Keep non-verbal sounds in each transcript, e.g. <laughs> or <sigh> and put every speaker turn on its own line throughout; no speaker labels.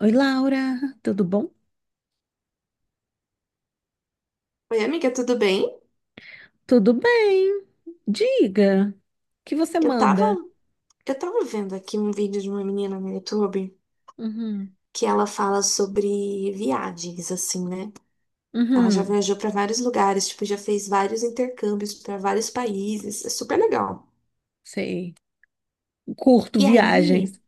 Oi, Laura, tudo bom?
Oi, amiga, tudo bem?
Tudo bem? Diga, o que você
Eu tava,
manda?
eu tava vendo aqui um vídeo de uma menina no YouTube
Uhum,
que ela fala sobre viagens, assim, né? Ela já
uhum,
viajou pra vários lugares, tipo, já fez vários intercâmbios pra vários países, é super legal.
sei. Curto
E aí,
viagens.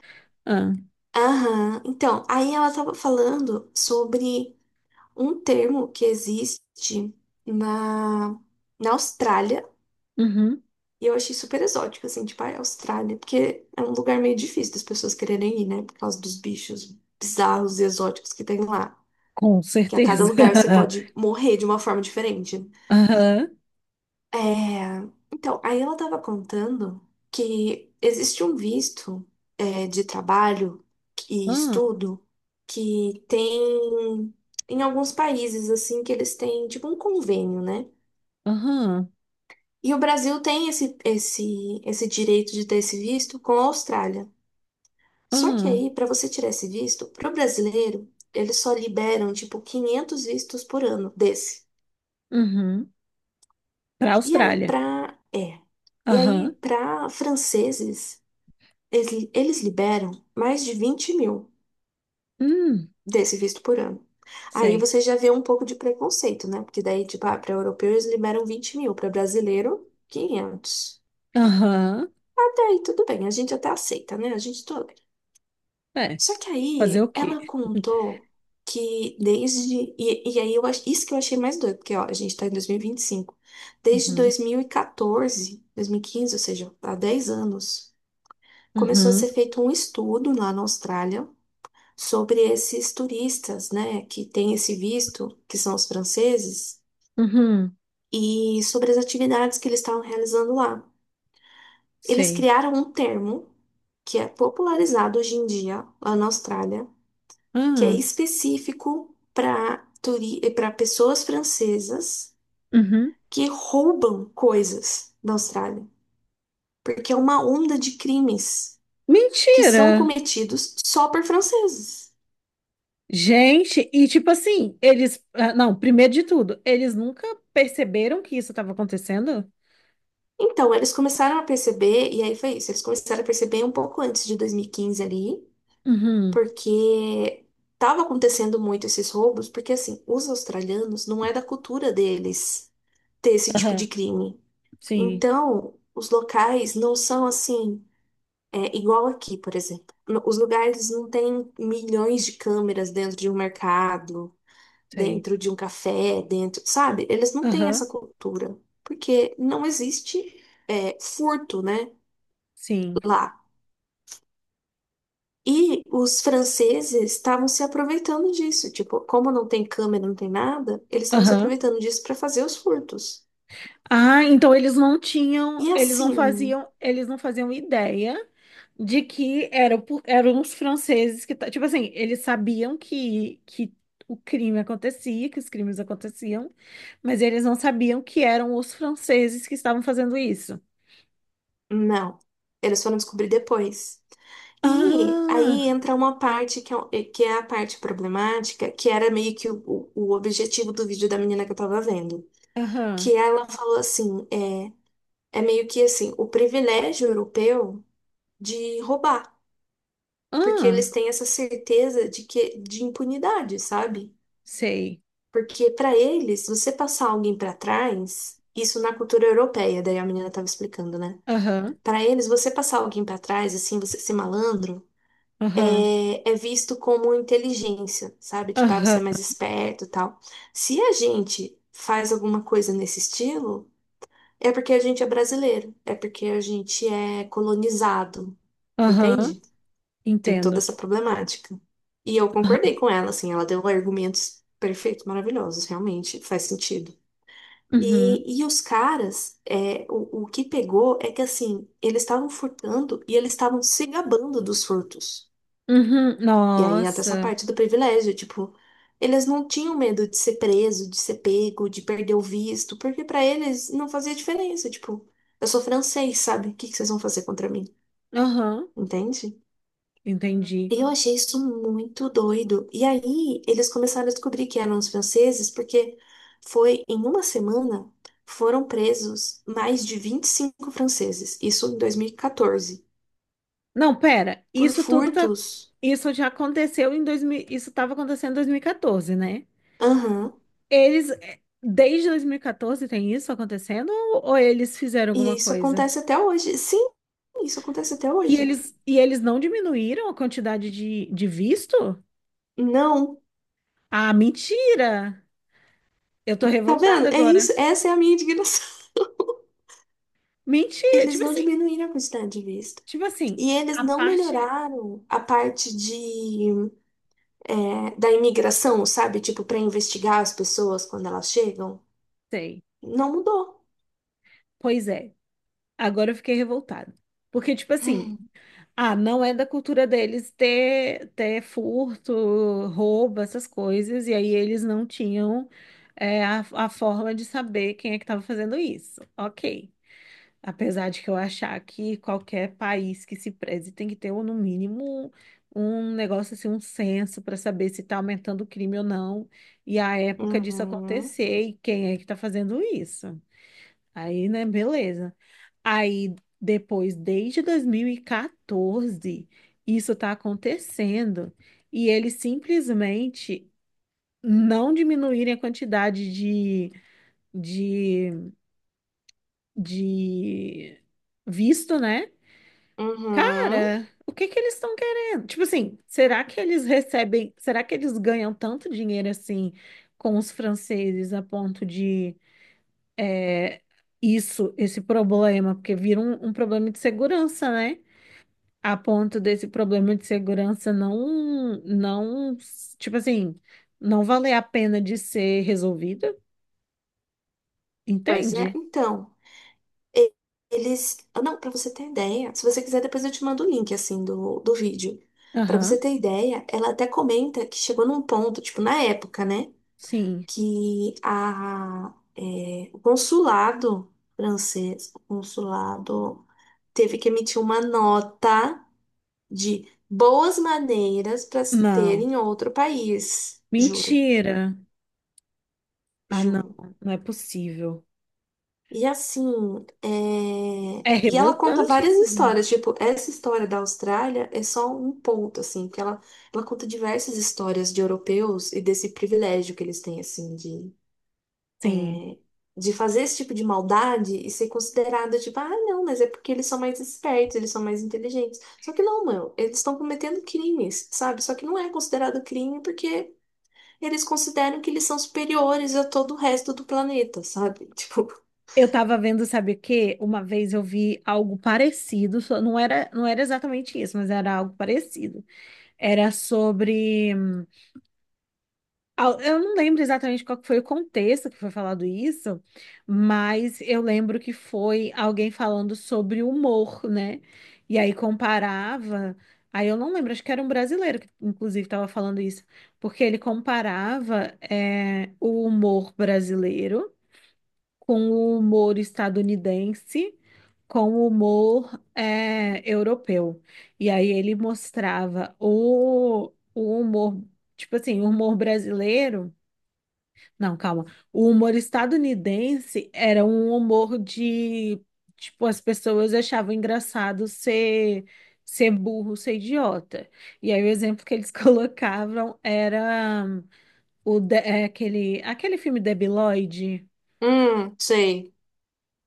Ah,
aham, então, aí ela tava falando sobre um termo que existe na, na Austrália.
uhum,
E eu achei super exótico, assim, tipo, a Austrália, porque é um lugar meio difícil das pessoas quererem ir, né? Por causa dos bichos bizarros e exóticos que tem lá.
com
Que a cada
certeza.
lugar você pode
<laughs>
morrer de uma forma diferente.
Aham,
É... Então, aí ela tava contando que existe um visto, de trabalho e
ah,
estudo que tem em alguns países, assim, que eles têm, tipo, um convênio, né?
aham,
E o Brasil tem esse direito de ter esse visto com a Austrália. Só que
ah,
aí, para você tirar esse visto, pro brasileiro, eles só liberam tipo 500 vistos por ano desse.
uhum. Para a
E aí
Austrália.
para é. E aí
Aham,
para franceses, eles liberam mais de 20 mil
hum,
desse visto por ano. Aí
sei.
você já vê um pouco de preconceito, né? Porque daí, tipo, ah, para europeu eles liberam 20 mil, para brasileiro, 500.
Aham,
Até aí tudo bem, a gente até aceita, né? A gente tolera.
é,
Só que
fazer o
aí ela
quê?
contou que desde. E aí isso que eu achei mais doido, porque ó, a gente tá em dois mil e vinte e cinco. Desde
Uhum,
dois mil e quatorze, 2015, ou seja, há 10 anos, começou a
uhum,
ser feito um estudo lá na Austrália sobre esses turistas, né, que têm esse visto, que são os franceses,
uhum,
e sobre as atividades que eles estavam realizando lá. Eles
sei.
criaram um termo que é popularizado hoje em dia lá na Austrália que é
Ah,
específico para turi para pessoas francesas
uhum.
que roubam coisas da Austrália, porque é uma onda de crimes que
Mentira!
são cometidos só por franceses.
Gente, e tipo assim, eles. Não, primeiro de tudo, eles nunca perceberam que isso estava acontecendo?
Então, eles começaram a perceber, e aí foi isso, eles começaram a perceber um pouco antes de 2015 ali,
Uhum.
porque estava acontecendo muito esses roubos, porque assim, os australianos não é da cultura deles ter esse tipo de
Aham.
crime.
Sim,
Então, os locais não são assim. É igual aqui, por exemplo. Os lugares não têm milhões de câmeras dentro de um mercado,
sei.
dentro de um café, dentro, sabe? Eles não têm
Aham.
essa cultura, porque não existe furto, né,
Sim.
lá. E os franceses estavam se aproveitando disso. Tipo, como não tem câmera, não tem nada, eles estavam se
Aham.
aproveitando disso para fazer os furtos.
Ah, então eles não tinham,
E assim,
eles não faziam ideia de que era, eram os franceses que, tipo assim, eles sabiam que o crime acontecia, que os crimes aconteciam, mas eles não sabiam que eram os franceses que estavam fazendo isso.
Não. Eles foram descobrir depois. E aí
Ah!
entra uma parte que é a parte problemática, que era meio que o objetivo do vídeo da menina que eu tava vendo. Que
Aham.
ela falou assim, é meio que assim, o privilégio europeu de roubar. Porque eles
Ah,
têm essa certeza de impunidade, sabe?
sei.
Porque pra eles, você passar alguém pra trás, isso na cultura europeia, daí a menina tava explicando, né?
Aham.
Pra eles, você passar alguém pra trás, assim, você ser malandro,
Aham.
é visto como inteligência, sabe? Tipo, ah, você
Aham.
é mais esperto e tal. Se a gente faz alguma coisa nesse estilo, é porque a gente é brasileiro, é porque a gente é colonizado,
Aham.
entende? Tem toda
Entendo.
essa problemática. E eu concordei
Aham.
com ela, assim, ela deu argumentos perfeitos, maravilhosos, realmente faz sentido.
Uhum.
E os caras, o que pegou é que assim, eles estavam furtando e eles estavam se gabando dos furtos.
Uhum.
E aí entra essa
Nossa.
parte do privilégio, tipo, eles não tinham medo de ser preso, de ser pego, de perder o visto, porque pra eles não fazia diferença, tipo, eu sou francês, sabe? O que que vocês vão fazer contra mim?
Aham.
Entende?
Entendi.
E eu achei isso muito doido. E aí eles começaram a descobrir que eram os franceses, porque foi em uma semana foram presos mais de 25 franceses, isso em 2014,
Não, pera.
por
Isso tudo tá.
furtos.
Isso já aconteceu em 2000 Isso estava acontecendo em 2014, né?
Aham.
Desde 2014 tem isso acontecendo? Ou eles fizeram
E
alguma
isso
coisa?
acontece até hoje. Sim, isso acontece até hoje.
E eles não diminuíram a quantidade de visto?
Não.
Ah, mentira! Eu tô
Tá
revoltada
vendo? É isso.
agora.
Essa é a minha indignação. <laughs>
Mentira,
Eles
tipo
não
assim,
diminuíram a quantidade de visto.
tipo assim,
E eles
a
não
parte,
melhoraram a parte da imigração, sabe? Tipo, para investigar as pessoas quando elas chegam.
sei,
Não mudou.
pois é, agora eu fiquei revoltada, porque tipo assim,
Hum.
ah, não é da cultura deles ter, ter furto, roubo, essas coisas, e aí eles não tinham a forma de saber quem é que estava fazendo isso, ok. Apesar de que eu achar que qualquer país que se preze tem que ter, ou no mínimo, um negócio assim, um censo para saber se está aumentando o crime ou não, e a época disso
Uhum,
acontecer e quem é que está fazendo isso. Aí, né, beleza. Aí, depois, desde 2014, isso está acontecendo, e eles simplesmente não diminuírem a quantidade de, de visto, né?
uhum.
Cara, o que que eles estão querendo? Tipo assim, será que eles recebem, será que eles ganham tanto dinheiro assim com os franceses a ponto de é, isso, esse problema, porque vira um, um problema de segurança, né? A ponto desse problema de segurança não, tipo assim, não valer a pena de ser resolvido,
Pois é,
entende?
então. E- Não, pra você ter ideia, se você quiser, depois eu te mando o link, assim, do vídeo. Pra você
Aham,
ter ideia, ela até comenta que chegou num ponto, tipo, na época, né?
sim.
O consulado francês, teve que emitir uma nota de boas maneiras para se ter
Não.
em outro país. Juro,
Mentira. Ah, não,
juro.
não é possível.
E assim, é,
É
e ela conta
revoltante
várias
isso, gente.
histórias, tipo, essa história da Austrália é só um ponto, assim, porque ela conta diversas histórias de europeus e desse privilégio que eles têm, assim, de,
Sim.
de fazer esse tipo de maldade e ser considerada, tipo, ah, não, mas é porque eles são mais espertos, eles são mais inteligentes. Só que não, mano, eles estão cometendo crimes, sabe? Só que não é considerado crime porque eles consideram que eles são superiores a todo o resto do planeta, sabe? <laughs> Tipo,
Eu tava vendo, sabe o quê? Uma vez eu vi algo parecido, não era, não era exatamente isso, mas era algo parecido. Era sobre. Eu não lembro exatamente qual que foi o contexto que foi falado isso, mas eu lembro que foi alguém falando sobre humor, né? E aí comparava. Aí eu não lembro, acho que era um brasileiro que, inclusive, estava falando isso, porque ele comparava, é, o humor brasileiro, com o humor estadunidense, com o humor europeu. E aí ele mostrava o humor, tipo assim, o humor brasileiro. Não, calma. O humor estadunidense era um humor de, tipo, as pessoas achavam engraçado ser, ser burro, ser idiota. E aí o exemplo que eles <laughs> colocavam era aquele, aquele filme Debiloide.
sei.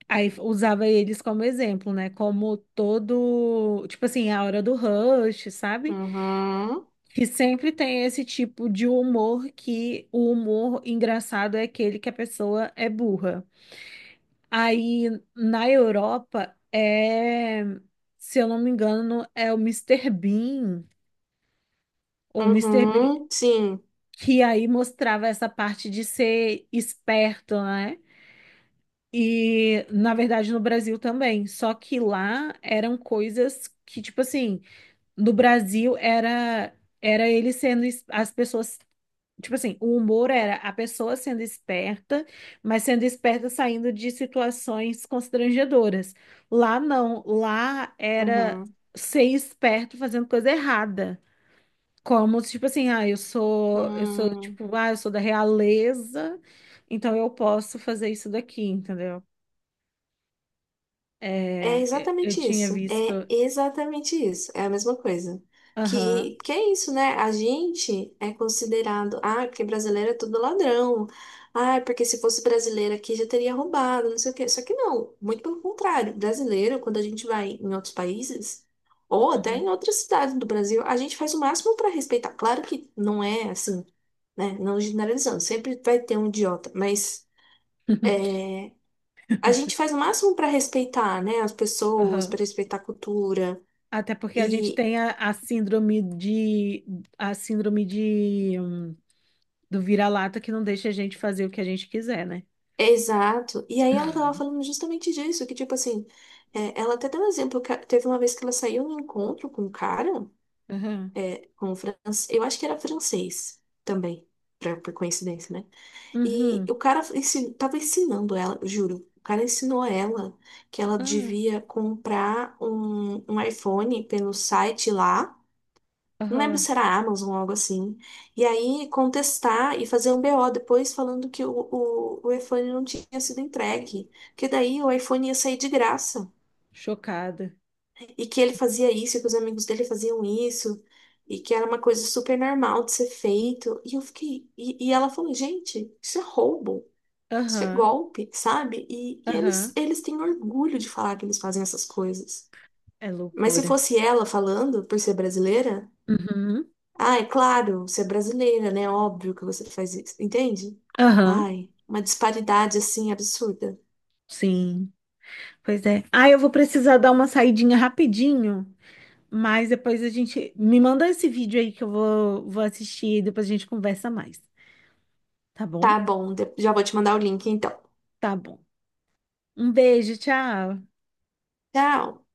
Aí usava eles como exemplo, né? Como todo, tipo assim, a hora do rush, sabe?
Uhum.
Que sempre tem esse tipo de humor que o humor engraçado é aquele que a pessoa é burra. Aí na Europa é, se eu não me engano, é o Mister Bean ou Mister Bean
Uhum, sim.
que aí mostrava essa parte de ser esperto, né? E, na verdade, no Brasil também. Só que lá eram coisas que, tipo assim, no Brasil era era ele sendo as pessoas, tipo assim, o humor era a pessoa sendo esperta, mas sendo esperta saindo de situações constrangedoras. Lá não, lá era
Uhum.
ser esperto fazendo coisa errada. Como se, tipo assim, ah, eu sou,
Hum,
tipo, ah, eu sou da realeza, então eu posso fazer isso daqui, entendeu?
é
É, eu
exatamente
tinha
isso.
visto.
É exatamente isso. É a mesma coisa.
Aham.
Que é isso, né? A gente é considerado, ah, porque brasileiro é tudo ladrão. Ah, porque se fosse brasileiro aqui já teria roubado, não sei o quê. Só que não, muito pelo contrário. Brasileiro, quando a gente vai em outros países, ou até em
uhum,
outras cidades do Brasil, a gente faz o máximo para respeitar. Claro que não é assim, né? Não generalizando, sempre vai ter um idiota, mas.
<laughs>
A gente faz o máximo para respeitar, né, as pessoas,
Aham.
para respeitar a cultura.
Até porque a gente
E
tem a síndrome de a síndrome de hum, do vira-lata que não deixa a gente fazer o que a gente quiser, né?
é exato. E aí ela tava falando justamente disso, que tipo assim, ela até deu um exemplo, teve uma vez que ela saiu num encontro com um cara,
Aham.
com um francês, eu acho que era francês também, por coincidência, né? E o
Uhum.
cara tava ensinando ela, eu juro. O cara ensinou ela que ela
Ah,
devia comprar um iPhone pelo site lá. Não lembro
Aham.
se era Amazon ou algo assim. E aí contestar e fazer um BO depois falando que o iPhone não tinha sido entregue. Que daí o iPhone ia sair de graça.
Chocada.
E que ele fazia isso, e que os amigos dele faziam isso. E que era uma coisa super normal de ser feito. E eu fiquei. E ela falou, gente, isso é roubo. Isso é
Aham.
golpe, sabe? E eles,
Aham.
eles têm orgulho de falar que eles fazem essas coisas.
É
Mas se
loucura.
fosse ela falando, por ser brasileira.
Uhum.
Ah, é claro, você é brasileira, né? Óbvio que você faz isso, entende?
Aham.
Ai, uma disparidade assim absurda.
Sim. Pois é. Ah, eu vou precisar dar uma saidinha rapidinho, mas depois a gente me manda esse vídeo aí que eu vou assistir e depois a gente conversa mais, tá bom?
Tá bom, já vou te mandar o link então.
Tá bom. Um beijo, tchau.
Tchau!